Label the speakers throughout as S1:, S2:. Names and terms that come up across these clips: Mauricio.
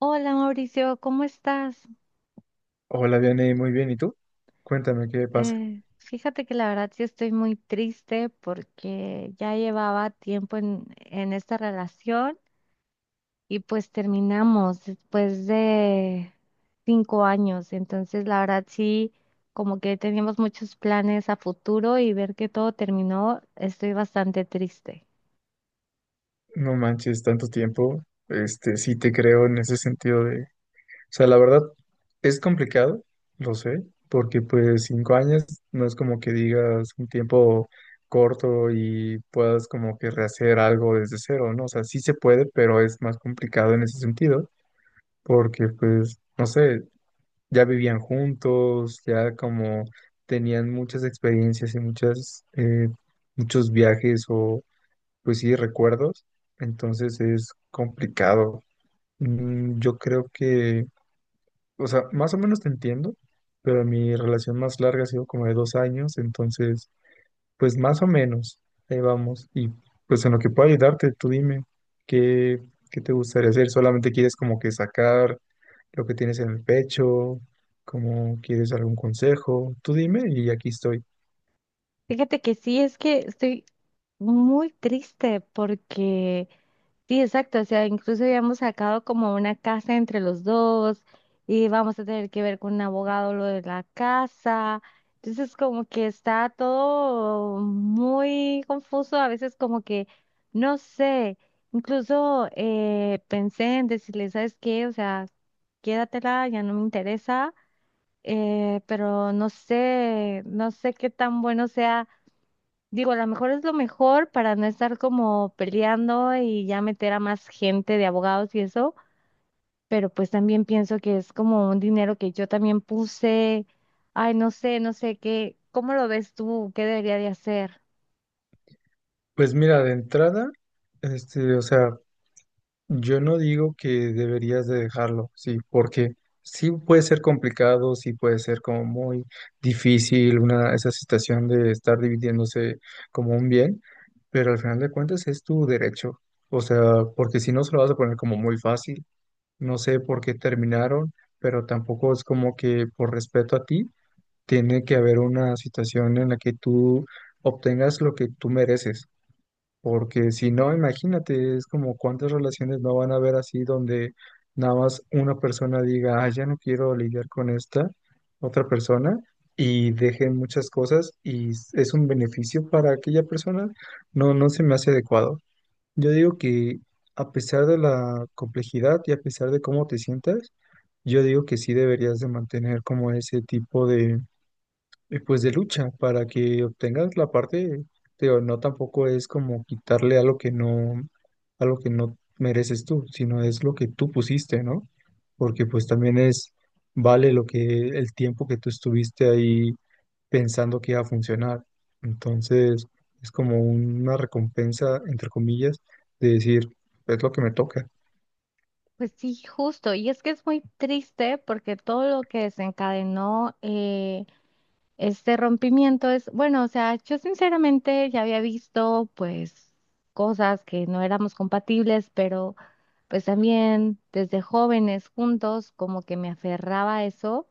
S1: Hola Mauricio, ¿cómo estás?
S2: Hola, Diane, muy bien. ¿Y tú? Cuéntame qué pasa.
S1: Fíjate que la verdad sí estoy muy triste porque ya llevaba tiempo en esta relación y pues terminamos después de 5 años. Entonces la verdad sí, como que teníamos muchos planes a futuro y ver que todo terminó, estoy bastante triste.
S2: No manches, tanto tiempo. Sí te creo en ese sentido de, o sea, la verdad es complicado, lo sé, porque pues 5 años no es como que digas un tiempo corto y puedas como que rehacer algo desde cero, ¿no? O sea, sí se puede, pero es más complicado en ese sentido, porque pues, no sé, ya vivían juntos, ya como tenían muchas experiencias y muchas, muchos viajes o pues sí, recuerdos, entonces es complicado. Mm, yo creo que, o sea, más o menos te entiendo, pero mi relación más larga ha sido como de 2 años, entonces, pues más o menos, ahí vamos. Y pues en lo que pueda ayudarte, tú dime, ¿qué, ¿qué te gustaría hacer? ¿Solamente quieres como que sacar lo que tienes en el pecho? ¿Cómo quieres algún consejo? Tú dime y aquí estoy.
S1: Fíjate que sí, es que estoy muy triste porque… Sí, exacto. O sea, incluso habíamos sacado como una casa entre los dos y vamos a tener que ver con un abogado lo de la casa. Entonces, como que está todo muy confuso. A veces como que, no sé, incluso pensé en decirle, ¿sabes qué? O sea, quédatela, ya no me interesa, pero no sé, no sé qué tan bueno sea. Digo, a lo mejor es lo mejor para no estar como peleando y ya meter a más gente de abogados y eso, pero pues también pienso que es como un dinero que yo también puse. Ay, no sé, no sé qué, ¿cómo lo ves tú? ¿Qué debería de hacer?
S2: Pues mira, de entrada, o sea, yo no digo que deberías de dejarlo, sí, porque sí puede ser complicado, sí puede ser como muy difícil una, esa situación de estar dividiéndose como un bien, pero al final de cuentas es tu derecho, o sea, porque si no se lo vas a poner como muy fácil, no sé por qué terminaron, pero tampoco es como que por respeto a ti tiene que haber una situación en la que tú obtengas lo que tú mereces. Porque si no, imagínate, es como cuántas relaciones no van a haber así donde nada más una persona diga, ah, ya no quiero lidiar con esta otra persona y dejen muchas cosas y es un beneficio para aquella persona. No, no se me hace adecuado. Yo digo que a pesar de la complejidad y a pesar de cómo te sientas, yo digo que sí deberías de mantener como ese tipo y pues de lucha para que obtengas la parte, pero no tampoco es como quitarle algo que no mereces tú, sino es lo que tú pusiste, ¿no? Porque pues también es, vale lo que, el tiempo que tú estuviste ahí pensando que iba a funcionar. Entonces, es como una recompensa, entre comillas, de decir, es lo que me toca.
S1: Pues sí, justo. Y es que es muy triste porque todo lo que desencadenó este rompimiento es, bueno, o sea, yo sinceramente ya había visto pues cosas que no éramos compatibles, pero… pues también desde jóvenes juntos, como que me aferraba a eso.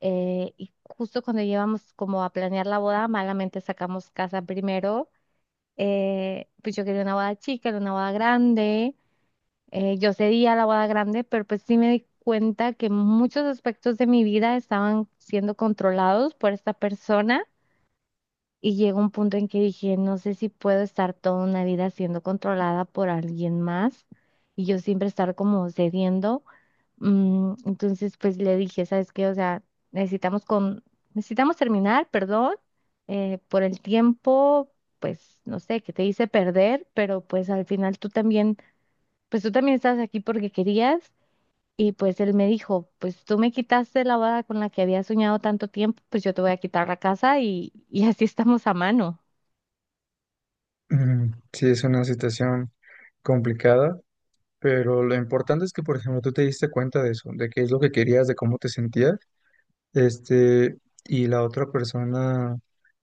S1: Y justo cuando llevamos como a planear la boda, malamente sacamos casa primero. Pues yo quería una boda chica, era una boda grande. Yo cedía a la boda grande, pero pues sí me di cuenta que muchos aspectos de mi vida estaban siendo controlados por esta persona y llegó un punto en que dije, no sé si puedo estar toda una vida siendo controlada por alguien más y yo siempre estar como cediendo. Mm, entonces, pues le dije, ¿sabes qué? O sea, necesitamos con, necesitamos terminar, perdón, por el tiempo, pues no sé, que te hice perder, pero pues al final tú también, pues tú también estás aquí porque querías. Y pues él me dijo, pues tú me quitaste la boda con la que había soñado tanto tiempo, pues yo te voy a quitar la casa y así estamos a mano.
S2: Mm, sí, es una situación complicada. Pero lo importante es que, por ejemplo, tú te diste cuenta de eso, de qué es lo que querías, de cómo te sentías, este, y la otra persona,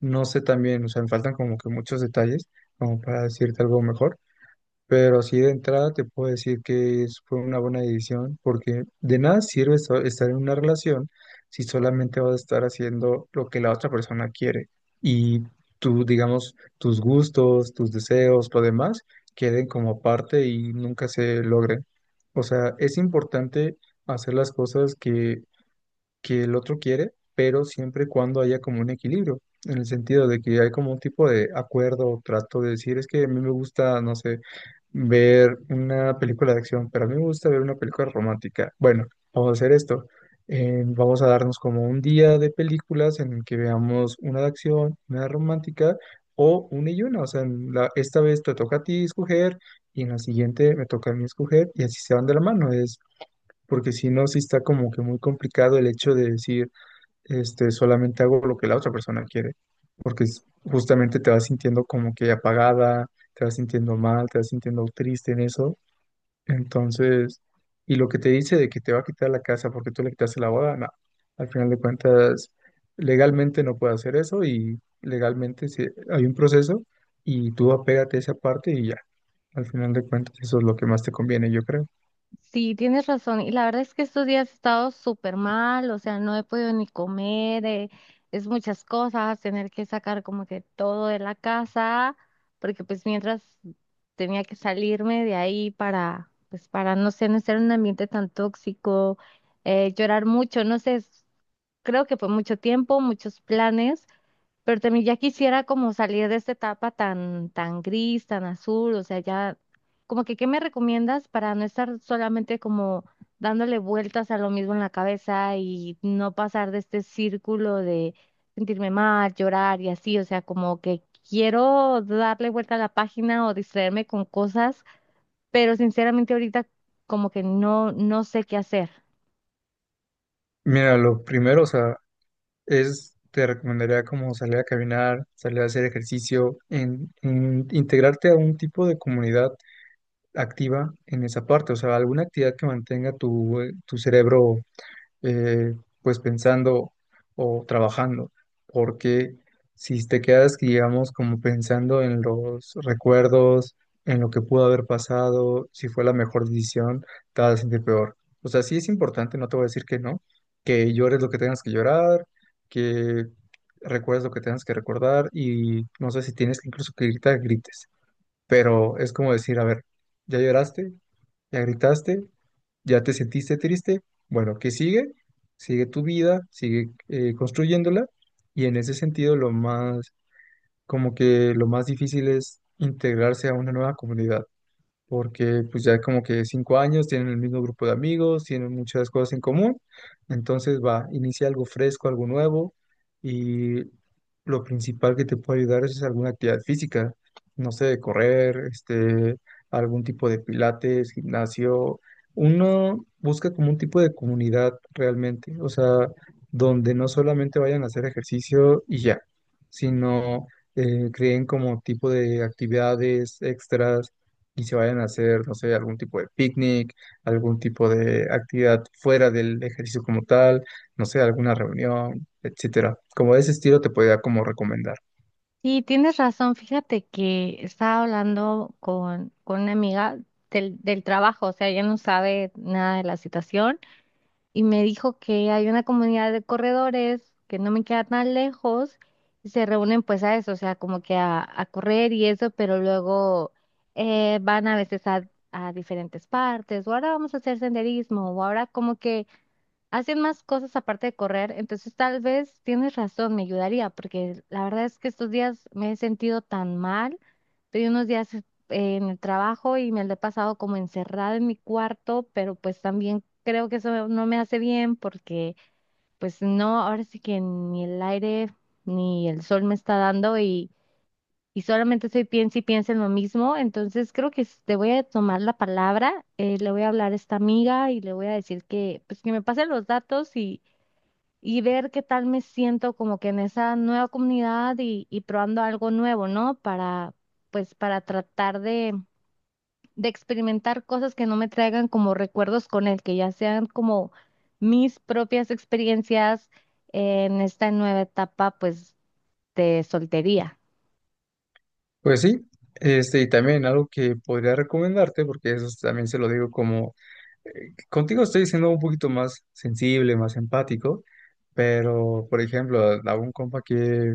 S2: no sé también, o sea, me faltan como que muchos detalles como para decirte algo mejor, pero así de entrada te puedo decir que fue una buena decisión, porque de nada sirve estar en una relación si solamente vas a estar haciendo lo que la otra persona quiere y tú, digamos, tus gustos, tus deseos, lo demás, queden como parte y nunca se logren. O sea, es importante hacer las cosas que el otro quiere, pero siempre y cuando haya como un equilibrio, en el sentido de que hay como un tipo de acuerdo o trato de decir, es que a mí me gusta, no sé, ver una película de acción, pero a mí me gusta ver una película romántica. Bueno, vamos a hacer esto. Vamos a darnos como un día de películas en el que veamos una de acción, una de romántica o una y una. O sea, en esta vez te toca a ti escoger y en la siguiente me toca a mí escoger y así se van de la mano. Es porque si no, sí está como que muy complicado el hecho de decir, solamente hago lo que la otra persona quiere, porque justamente te vas sintiendo como que apagada, te vas sintiendo mal, te vas sintiendo triste en eso. Entonces, y lo que te dice de que te va a quitar la casa porque tú le quitaste la boda, no, al final de cuentas, legalmente no puede hacer eso y legalmente sí, hay un proceso y tú apégate a esa parte y ya, al final de cuentas, eso es lo que más te conviene, yo creo.
S1: Sí, tienes razón. Y la verdad es que estos días he estado súper mal, o sea, no he podido ni comer, es muchas cosas, tener que sacar como que todo de la casa, porque pues mientras tenía que salirme de ahí para, pues para, no sé, no estar en un ambiente tan tóxico, llorar mucho, no sé, es- creo que fue mucho tiempo, muchos planes. Pero también ya quisiera como salir de esta etapa tan, tan gris, tan azul, o sea, ya, como que, ¿qué me recomiendas para no estar solamente como dándole vueltas a lo mismo en la cabeza y no pasar de este círculo de sentirme mal, llorar y así? O sea, como que quiero darle vuelta a la página o distraerme con cosas, pero sinceramente ahorita como que no, no sé qué hacer.
S2: Mira, lo primero, o sea, es, te recomendaría como salir a caminar, salir a hacer ejercicio, en integrarte a un tipo de comunidad activa en esa parte, o sea, alguna actividad que mantenga tu, tu cerebro eh, pues pensando o trabajando, porque si te quedas, digamos, como pensando en los recuerdos, en lo que pudo haber pasado, si fue la mejor decisión, te vas a sentir peor. O sea, sí es importante, no te voy a decir que no, que llores lo que tengas que llorar, que recuerdes lo que tengas que recordar y no sé si tienes que incluso que gritar, grites, pero es como decir, a ver, ya lloraste, ya gritaste, ya te sentiste triste. Bueno, ¿qué sigue? Sigue tu vida, sigue construyéndola. Y en ese sentido, lo más, como que lo más difícil es integrarse a una nueva comunidad porque pues ya como que 5 años, tienen el mismo grupo de amigos, tienen muchas cosas en común, entonces va, inicia algo fresco, algo nuevo y lo principal que te puede ayudar es alguna actividad física, no sé, correr, algún tipo de pilates, gimnasio. Uno busca como un tipo de comunidad realmente, o sea, donde no solamente vayan a hacer ejercicio y ya, sino creen como tipo de actividades extras y se vayan a hacer, no sé, algún tipo de picnic, algún tipo de actividad fuera del ejercicio como tal, no sé, alguna reunión, etcétera. Como de ese estilo te podría como recomendar.
S1: Sí, tienes razón. Fíjate que estaba hablando con una amiga del trabajo, o sea, ella no sabe nada de la situación y me dijo que hay una comunidad de corredores que no me queda tan lejos y se reúnen pues a eso, o sea, como que a correr y eso, pero luego van a veces a diferentes partes o ahora vamos a hacer senderismo o ahora como que hacen más cosas aparte de correr, entonces tal vez tienes razón, me ayudaría, porque la verdad es que estos días me he sentido tan mal. Estoy unos días en el trabajo y me lo he pasado como encerrada en mi cuarto, pero pues también creo que eso no me hace bien porque pues no, ahora sí que ni el aire ni el sol me está dando y solamente estoy piensa y piensa en lo mismo, entonces creo que s- te voy a tomar la palabra, le voy a hablar a esta amiga y le voy a decir que pues que me pase los datos y ver qué tal me siento como que en esa nueva comunidad y probando algo nuevo, ¿no? Para, pues, para tratar de experimentar cosas que no me traigan como recuerdos con él, que ya sean como mis propias experiencias en esta nueva etapa, pues, de soltería.
S2: Pues sí, y también algo que podría recomendarte, porque eso también se lo digo como, contigo estoy siendo un poquito más sensible, más empático, pero, por ejemplo, a un compa que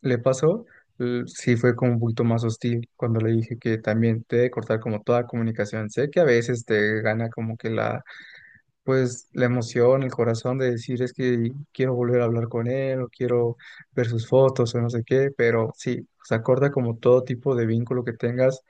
S2: le pasó, sí fue como un poquito más hostil cuando le dije que también te debe cortar como toda comunicación. Sé que a veces te gana como que la pues la emoción, el corazón de decir es que quiero volver a hablar con él o quiero ver sus fotos o no sé qué, pero sí, se acorda como todo tipo de vínculo que tengas,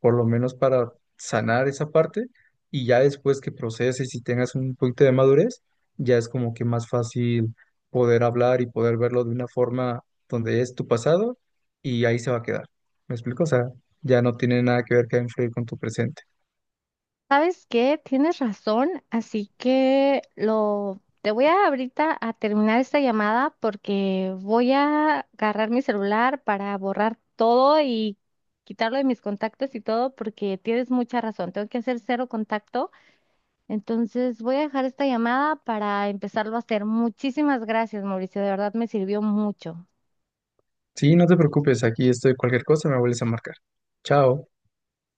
S2: por lo menos para sanar esa parte y ya después que proceses y tengas un poquito de madurez, ya es como que más fácil poder hablar y poder verlo de una forma donde es tu pasado y ahí se va a quedar. ¿Me explico? O sea, ya no tiene nada que ver que influir con tu presente.
S1: ¿Sabes qué? Tienes razón, así que lo te voy a ahorita a terminar esta llamada porque voy a agarrar mi celular para borrar todo y quitarlo de mis contactos y todo porque tienes mucha razón, tengo que hacer cero contacto, entonces voy a dejar esta llamada para empezarlo a hacer. Muchísimas gracias, Mauricio, de verdad me sirvió mucho.
S2: Sí, no te preocupes, aquí estoy. Cualquier cosa me vuelves a marcar. Chao.